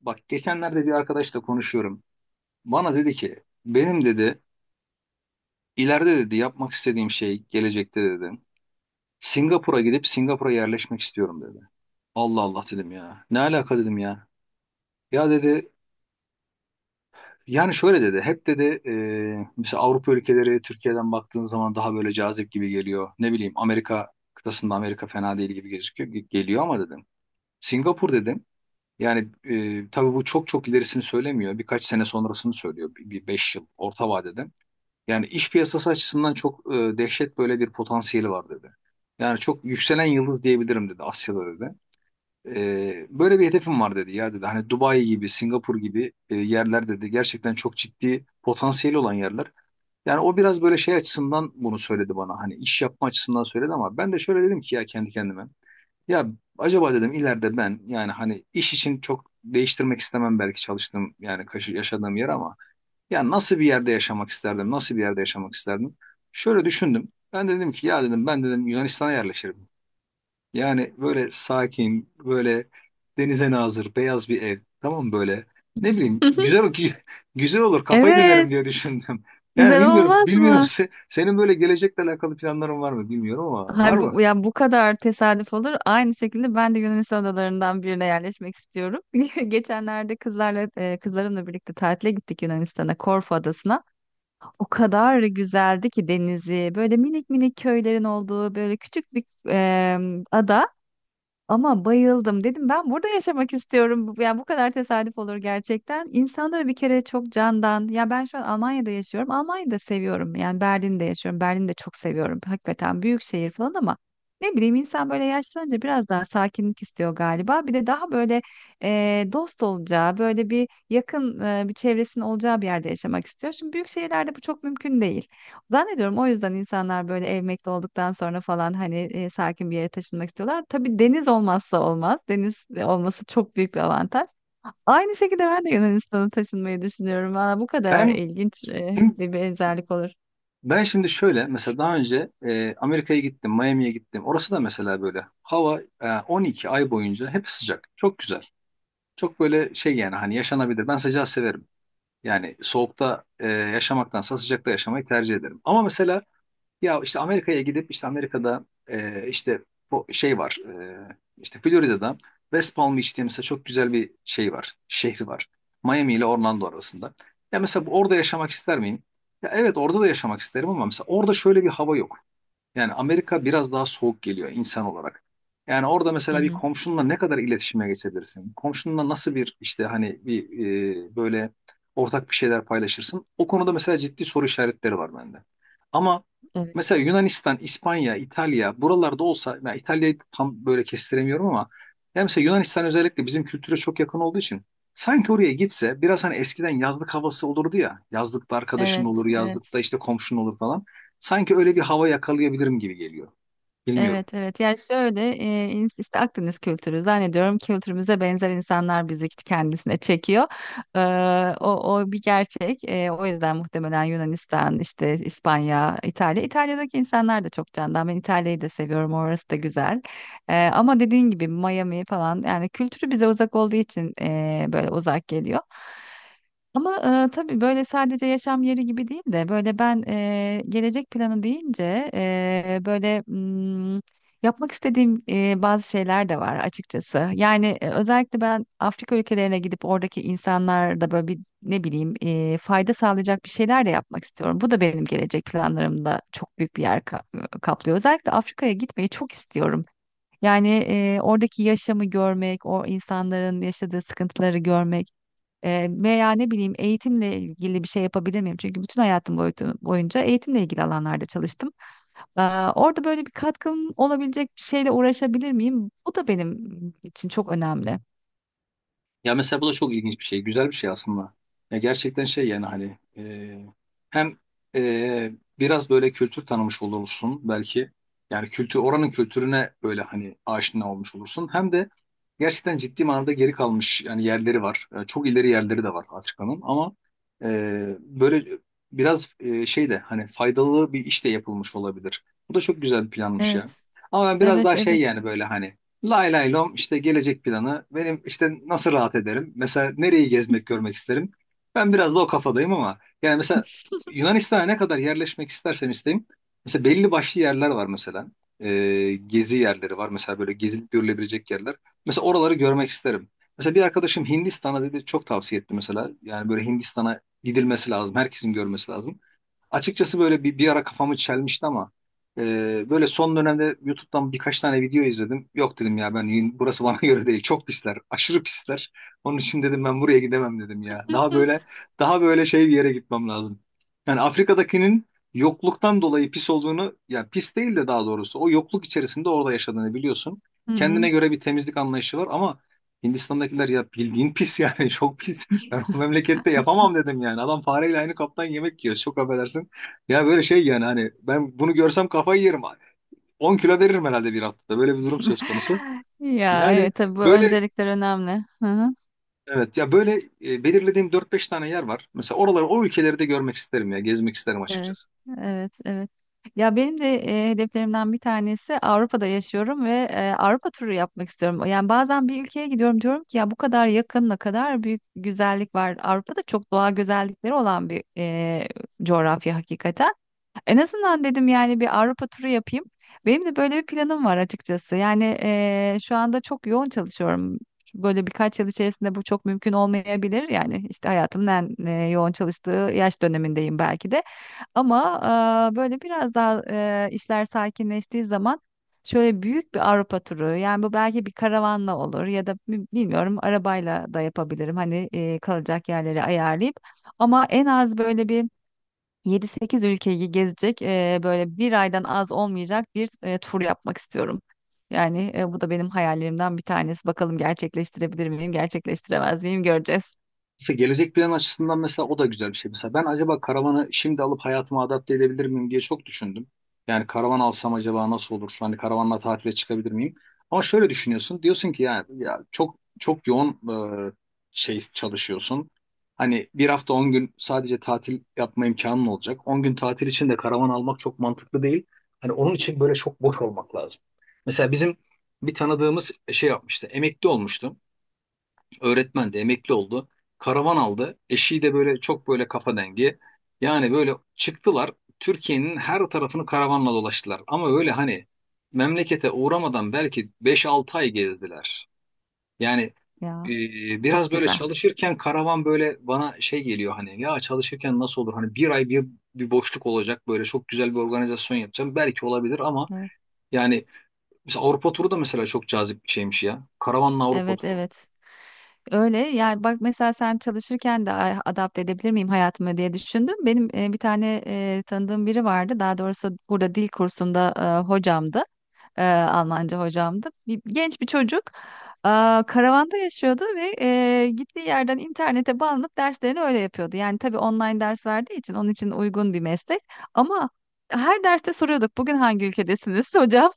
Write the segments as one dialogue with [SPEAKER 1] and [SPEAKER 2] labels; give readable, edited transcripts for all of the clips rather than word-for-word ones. [SPEAKER 1] Bak geçenlerde bir arkadaşla konuşuyorum. Bana dedi ki benim dedi ileride dedi yapmak istediğim şey gelecekte dedi. Singapur'a gidip Singapur'a yerleşmek istiyorum dedi. Allah Allah dedim ya. Ne alaka dedim ya. Ya dedi yani şöyle dedi. Hep dedi mesela Avrupa ülkeleri Türkiye'den baktığın zaman daha böyle cazip gibi geliyor. Ne bileyim Amerika kıtasında Amerika fena değil gibi gözüküyor geliyor ama dedim. Singapur dedim. Yani tabii bu çok çok ilerisini söylemiyor. Birkaç sene sonrasını söylüyor. Bir beş yıl orta vadede. Yani iş piyasası açısından çok dehşet böyle bir potansiyeli var dedi. Yani çok yükselen yıldız diyebilirim dedi Asya'da dedi. Böyle bir hedefim var dedi ya dedi. Hani Dubai gibi, Singapur gibi yerler dedi. Gerçekten çok ciddi potansiyeli olan yerler. Yani o biraz böyle şey açısından bunu söyledi bana. Hani iş yapma açısından söyledi ama ben de şöyle dedim ki ya kendi kendime. Ya acaba dedim ileride ben yani hani iş için çok değiştirmek istemem belki çalıştığım yani yaşadığım yer ama ya nasıl bir yerde yaşamak isterdim? Nasıl bir yerde yaşamak isterdim? Şöyle düşündüm. Ben dedim ki ya dedim ben dedim Yunanistan'a yerleşirim. Yani böyle sakin, böyle denize nazır, beyaz bir ev. Tamam mı böyle? Ne bileyim güzel güzel olur kafayı dinlerim
[SPEAKER 2] Evet,
[SPEAKER 1] diye düşündüm. Yani
[SPEAKER 2] güzel
[SPEAKER 1] bilmiyorum
[SPEAKER 2] olmaz
[SPEAKER 1] bilmiyorum
[SPEAKER 2] mı?
[SPEAKER 1] senin böyle gelecekle alakalı planların var mı bilmiyorum ama var
[SPEAKER 2] Hay
[SPEAKER 1] mı?
[SPEAKER 2] bu ya bu kadar tesadüf olur. Aynı şekilde ben de Yunanistan adalarından birine yerleşmek istiyorum. Geçenlerde kızlarımla birlikte tatile gittik Yunanistan'a, Korfu adasına. O kadar güzeldi ki denizi, böyle minik minik köylerin olduğu böyle küçük bir ada. Ama bayıldım. Dedim ben burada yaşamak istiyorum. Yani bu kadar tesadüf olur gerçekten. İnsanları bir kere çok candan. Ya ben şu an Almanya'da yaşıyorum. Almanya'da seviyorum. Yani Berlin'de yaşıyorum. Berlin'de çok seviyorum. Hakikaten büyük şehir falan ama ne bileyim insan böyle yaşlanınca biraz daha sakinlik istiyor galiba. Bir de daha böyle dost olacağı, böyle bir yakın bir çevresinin olacağı bir yerde yaşamak istiyor. Şimdi büyük şehirlerde bu çok mümkün değil. Zannediyorum o yüzden insanlar böyle emekli olduktan sonra falan hani sakin bir yere taşınmak istiyorlar. Tabii deniz olmazsa olmaz. Deniz olması çok büyük bir avantaj. Aynı şekilde ben de Yunanistan'a taşınmayı düşünüyorum. Valla bu kadar
[SPEAKER 1] Ben
[SPEAKER 2] ilginç
[SPEAKER 1] şimdi,
[SPEAKER 2] bir benzerlik olur.
[SPEAKER 1] ben şimdi şöyle mesela daha önce Amerika'ya gittim, Miami'ye gittim. Orası da mesela böyle hava 12 ay boyunca hep sıcak. Çok güzel. Çok böyle şey yani hani yaşanabilir. Ben sıcağı severim. Yani soğukta yaşamaktansa sıcakta yaşamayı tercih ederim. Ama mesela ya işte Amerika'ya gidip işte Amerika'da işte bu şey var. İşte Florida'da West Palm Beach diye mesela çok güzel bir şey var. Şehri var. Miami ile Orlando arasında. Ya mesela orada yaşamak ister miyim? Ya evet orada da yaşamak isterim ama mesela orada şöyle bir hava yok. Yani Amerika biraz daha soğuk geliyor insan olarak. Yani orada
[SPEAKER 2] Hı
[SPEAKER 1] mesela bir
[SPEAKER 2] hı.
[SPEAKER 1] komşunla ne kadar iletişime geçebilirsin? Komşunla nasıl bir işte hani bir böyle ortak bir şeyler paylaşırsın? O konuda mesela ciddi soru işaretleri var bende. Ama
[SPEAKER 2] Evet.
[SPEAKER 1] mesela Yunanistan, İspanya, İtalya buralarda olsa ben İtalya'yı tam böyle kestiremiyorum ama yani mesela Yunanistan özellikle bizim kültüre çok yakın olduğu için sanki oraya gitse biraz hani eskiden yazlık havası olurdu ya. Yazlıkta arkadaşın
[SPEAKER 2] Evet,
[SPEAKER 1] olur,
[SPEAKER 2] evet.
[SPEAKER 1] yazlıkta işte komşun olur falan. Sanki öyle bir hava yakalayabilirim gibi geliyor. Bilmiyorum.
[SPEAKER 2] Evet, evet, yani şöyle işte Akdeniz kültürü zannediyorum kültürümüze benzer insanlar bizi kendisine çekiyor. Ee, o o, bir gerçek. O yüzden muhtemelen Yunanistan, işte İspanya, İtalya. İtalya'daki insanlar da çok candan. Ben İtalya'yı da seviyorum. Orası da güzel. Ama dediğin gibi Miami falan yani kültürü bize uzak olduğu için böyle uzak geliyor. Ama tabii böyle sadece yaşam yeri gibi değil de böyle ben gelecek planı deyince böyle yapmak istediğim bazı şeyler de var açıkçası. Yani özellikle ben Afrika ülkelerine gidip oradaki insanlarda böyle bir ne bileyim fayda sağlayacak bir şeyler de yapmak istiyorum. Bu da benim gelecek planlarımda çok büyük bir yer kaplıyor. Özellikle Afrika'ya gitmeyi çok istiyorum. Yani oradaki yaşamı görmek, o insanların yaşadığı sıkıntıları görmek. Veya ne bileyim eğitimle ilgili bir şey yapabilir miyim? Çünkü bütün hayatım boyunca eğitimle ilgili alanlarda çalıştım. Orada böyle bir katkım olabilecek bir şeyle uğraşabilir miyim? Bu da benim için çok önemli.
[SPEAKER 1] Ya mesela bu da çok ilginç bir şey. Güzel bir şey aslında. Ya gerçekten şey yani hani hem e, biraz böyle kültür tanımış olursun belki. Yani kültür oranın kültürüne böyle hani aşina olmuş olursun. Hem de gerçekten ciddi manada geri kalmış yani yerleri var. Çok ileri yerleri de var Afrika'nın ama e, böyle biraz şey de hani faydalı bir iş de yapılmış olabilir. Bu da çok güzel bir planmış ya.
[SPEAKER 2] Evet,
[SPEAKER 1] Ama ben biraz
[SPEAKER 2] evet,
[SPEAKER 1] daha şey
[SPEAKER 2] evet.
[SPEAKER 1] yani böyle hani lay lay lom işte gelecek planı. Benim işte nasıl rahat ederim? Mesela nereyi gezmek, görmek isterim? Ben biraz da o kafadayım ama yani mesela Yunanistan'a ne kadar yerleşmek istersem isteyeyim. Mesela belli başlı yerler var mesela. Gezi yerleri var. Mesela böyle gezilip görülebilecek yerler. Mesela oraları görmek isterim. Mesela bir arkadaşım Hindistan'a dedi çok tavsiye etti mesela. Yani böyle Hindistan'a gidilmesi lazım. Herkesin görmesi lazım. Açıkçası böyle bir ara kafamı çelmişti ama böyle son dönemde YouTube'dan birkaç tane video izledim. Yok dedim ya ben burası bana göre değil. Çok pisler. Aşırı pisler. Onun için dedim ben buraya gidemem dedim ya. Daha böyle daha böyle şey bir yere gitmem lazım. Yani Afrika'dakinin yokluktan dolayı pis olduğunu ya pis değil de daha doğrusu o yokluk içerisinde orada yaşadığını biliyorsun.
[SPEAKER 2] Hı hı. Hı
[SPEAKER 1] Kendine
[SPEAKER 2] hı.
[SPEAKER 1] göre bir temizlik anlayışı var ama Hindistan'dakiler ya bildiğin pis yani çok pis. Ben bu memlekette yapamam dedim yani. Adam fareyle aynı kaptan yemek yiyor. Çok affedersin. Ya böyle şey yani hani ben bunu görsem kafayı yerim. 10 kilo veririm herhalde bir haftada. Böyle bir durum söz konusu.
[SPEAKER 2] Ya
[SPEAKER 1] Yani
[SPEAKER 2] evet, tabii bu
[SPEAKER 1] böyle
[SPEAKER 2] öncelikler önemli. Hı hı.
[SPEAKER 1] evet ya böyle belirlediğim dört beş tane yer var. Mesela oraları o ülkeleri de görmek isterim ya. Gezmek isterim
[SPEAKER 2] Evet,
[SPEAKER 1] açıkçası.
[SPEAKER 2] evet, evet. Ya benim de hedeflerimden bir tanesi Avrupa'da yaşıyorum ve Avrupa turu yapmak istiyorum. Yani bazen bir ülkeye gidiyorum diyorum ki ya bu kadar yakın ne kadar büyük güzellik var. Avrupa'da çok doğa güzellikleri olan bir coğrafya hakikaten. En azından dedim yani bir Avrupa turu yapayım. Benim de böyle bir planım var açıkçası. Yani şu anda çok yoğun çalışıyorum. Böyle birkaç yıl içerisinde bu çok mümkün olmayabilir. Yani işte hayatımın en yoğun çalıştığı yaş dönemindeyim belki de. Ama böyle biraz daha işler sakinleştiği zaman şöyle büyük bir Avrupa turu yani bu belki bir karavanla olur ya da bilmiyorum arabayla da yapabilirim hani kalacak yerleri ayarlayıp ama en az böyle bir yedi sekiz ülkeyi gezecek böyle bir aydan az olmayacak bir tur yapmak istiyorum. Yani bu da benim hayallerimden bir tanesi. Bakalım gerçekleştirebilir miyim, gerçekleştiremez miyim göreceğiz.
[SPEAKER 1] Mesela gelecek plan açısından mesela o da güzel bir şey. Mesela ben acaba karavanı şimdi alıp hayatıma adapte edebilir miyim diye çok düşündüm. Yani karavan alsam acaba nasıl olur? Hani karavanla tatile çıkabilir miyim? Ama şöyle düşünüyorsun. Diyorsun ki yani ya çok çok yoğun e, şey çalışıyorsun. Hani bir hafta 10 gün sadece tatil yapma imkanın olacak. 10 gün tatil için de karavan almak çok mantıklı değil. Hani onun için böyle çok boş olmak lazım. Mesela bizim bir tanıdığımız şey yapmıştı. Emekli olmuştu. Öğretmendi, emekli oldu. Karavan aldı. Eşi de böyle çok böyle kafa dengi. Yani böyle çıktılar. Türkiye'nin her tarafını karavanla dolaştılar. Ama öyle hani memlekete uğramadan belki beş 6 ay gezdiler. Yani e,
[SPEAKER 2] Ya çok
[SPEAKER 1] biraz böyle
[SPEAKER 2] güzel.
[SPEAKER 1] çalışırken karavan böyle bana şey geliyor hani ya çalışırken nasıl olur? Hani bir ay bir boşluk olacak böyle çok güzel bir organizasyon yapacağım. Belki olabilir ama
[SPEAKER 2] Hı.
[SPEAKER 1] yani mesela Avrupa turu da mesela çok cazip bir şeymiş ya. Karavanla Avrupa
[SPEAKER 2] Evet,
[SPEAKER 1] turu.
[SPEAKER 2] evet. Öyle yani bak mesela sen çalışırken de "Ay, adapte edebilir miyim hayatıma diye düşündüm. Benim bir tane tanıdığım biri vardı. Daha doğrusu burada dil kursunda hocamdı. Almanca hocamdı. Genç bir çocuk e, karavanda yaşıyordu ve gittiği yerden internete bağlanıp derslerini öyle yapıyordu. Yani tabii online ders verdiği için onun için uygun bir meslek. Ama her derste soruyorduk bugün hangi ülkedesiniz hocam?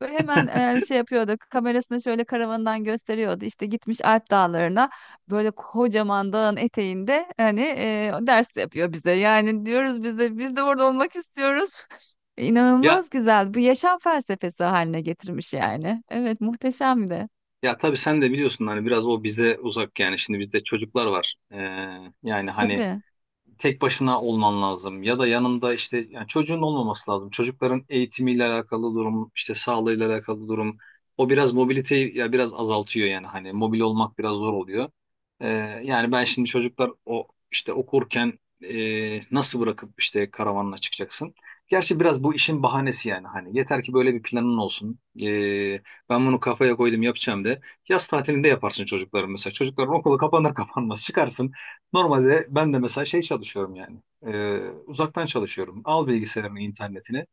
[SPEAKER 2] Böyle hemen şey yapıyordu. Kamerasını şöyle karavanından gösteriyordu. İşte gitmiş Alp Dağları'na böyle kocaman dağın eteğinde hani ders yapıyor bize. Yani diyoruz biz de biz de orada olmak istiyoruz.
[SPEAKER 1] Ya
[SPEAKER 2] İnanılmaz güzel. Bu yaşam felsefesi haline getirmiş yani. Evet muhteşem de.
[SPEAKER 1] Ya tabii sen de biliyorsun hani biraz o bize uzak yani şimdi bizde çocuklar var. Yani hani
[SPEAKER 2] Tabii.
[SPEAKER 1] tek başına olman lazım ya da yanında işte yani çocuğun olmaması lazım. Çocukların eğitimiyle alakalı durum, işte sağlığıyla alakalı durum. O biraz mobiliteyi ya biraz azaltıyor yani hani mobil olmak biraz zor oluyor. Ee, Yani ben şimdi çocuklar o işte okurken nasıl bırakıp işte karavanla çıkacaksın? Gerçi biraz bu işin bahanesi yani hani yeter ki böyle bir planın olsun. Ben bunu kafaya koydum yapacağım de. Yaz tatilinde yaparsın çocukların mesela. Çocukların okulu kapanır kapanmaz çıkarsın. Normalde ben de mesela şey çalışıyorum yani. Ee, Uzaktan çalışıyorum. Al bilgisayarımı, internetini.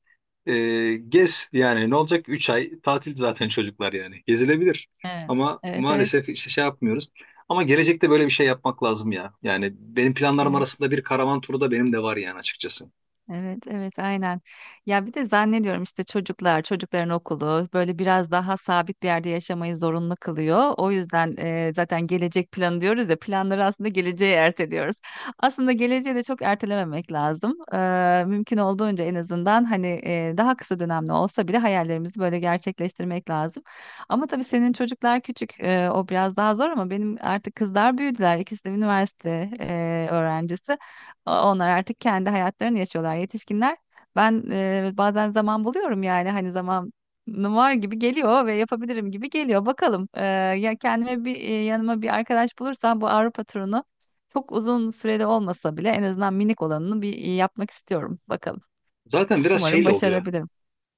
[SPEAKER 1] Gez yani ne olacak? Üç ay tatil zaten çocuklar yani. Gezilebilir.
[SPEAKER 2] Evet.
[SPEAKER 1] Ama
[SPEAKER 2] Evet, evet.
[SPEAKER 1] maalesef işte şey yapmıyoruz. Ama gelecekte böyle bir şey yapmak lazım ya. Yani benim planlarım
[SPEAKER 2] Evet.
[SPEAKER 1] arasında bir karavan turu da benim de var yani açıkçası.
[SPEAKER 2] Evet, evet, aynen. Ya bir de zannediyorum işte çocuklar, çocukların okulu böyle biraz daha sabit bir yerde yaşamayı zorunlu kılıyor. O yüzden zaten gelecek planı diyoruz ya, planları aslında geleceğe erteliyoruz. Aslında geleceği de çok ertelememek lazım. Mümkün olduğunca en azından hani daha kısa dönemli olsa bile hayallerimizi böyle gerçekleştirmek lazım. Ama tabii senin çocuklar küçük, o biraz daha zor ama benim artık kızlar büyüdüler. İkisi de üniversite öğrencisi. Onlar artık kendi hayatlarını yaşıyorlar yetişkinler. Ben bazen zaman buluyorum yani hani zaman var gibi geliyor ve yapabilirim gibi geliyor. Bakalım ya kendime bir yanıma bir arkadaş bulursam bu Avrupa turunu çok uzun süreli olmasa bile en azından minik olanını bir yapmak istiyorum. Bakalım.
[SPEAKER 1] Zaten biraz
[SPEAKER 2] Umarım
[SPEAKER 1] şeyle oluyor.
[SPEAKER 2] başarabilirim.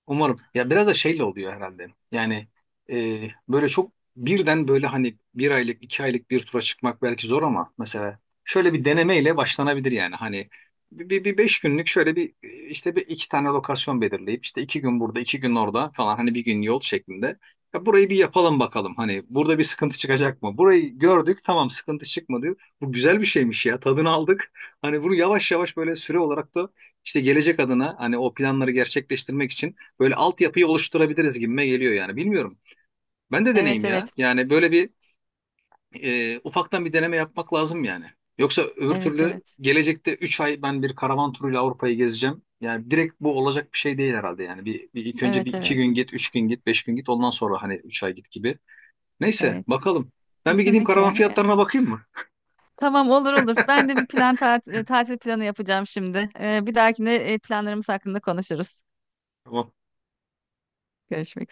[SPEAKER 1] Umarım. Ya biraz da şeyle oluyor herhalde. Yani böyle çok birden böyle hani bir aylık, iki aylık bir tura çıkmak belki zor ama mesela şöyle bir denemeyle başlanabilir yani. Hani bir 5 günlük şöyle bir işte bir iki tane lokasyon belirleyip işte iki gün burada, iki gün orada falan hani bir gün yol şeklinde. Ya burayı bir yapalım bakalım. Hani burada bir sıkıntı çıkacak mı? Burayı gördük tamam sıkıntı çıkmadı. Bu güzel bir şeymiş ya tadını aldık. Hani bunu yavaş yavaş böyle süre olarak da işte gelecek adına hani o planları gerçekleştirmek için böyle altyapıyı oluşturabiliriz gibime geliyor yani. Bilmiyorum. Ben de
[SPEAKER 2] Evet,
[SPEAKER 1] deneyim ya.
[SPEAKER 2] evet.
[SPEAKER 1] Yani böyle bir ufaktan bir deneme yapmak lazım yani. Yoksa öbür
[SPEAKER 2] Evet,
[SPEAKER 1] türlü
[SPEAKER 2] evet.
[SPEAKER 1] gelecekte 3 ay ben bir karavan turuyla Avrupa'yı gezeceğim. Yani direkt bu olacak bir şey değil herhalde yani. Bir ilk önce
[SPEAKER 2] Evet,
[SPEAKER 1] bir iki gün
[SPEAKER 2] evet.
[SPEAKER 1] git, 3 gün git, 5 gün git. Ondan sonra hani 3 ay git gibi. Neyse
[SPEAKER 2] Evet.
[SPEAKER 1] bakalım. Ben bir gideyim karavan
[SPEAKER 2] Kesinlikle.
[SPEAKER 1] fiyatlarına bakayım mı?
[SPEAKER 2] Tamam, olur olur. Ben de bir plan tatil planı yapacağım şimdi. Bir dahakine planlarımız hakkında konuşuruz. Görüşmek üzere.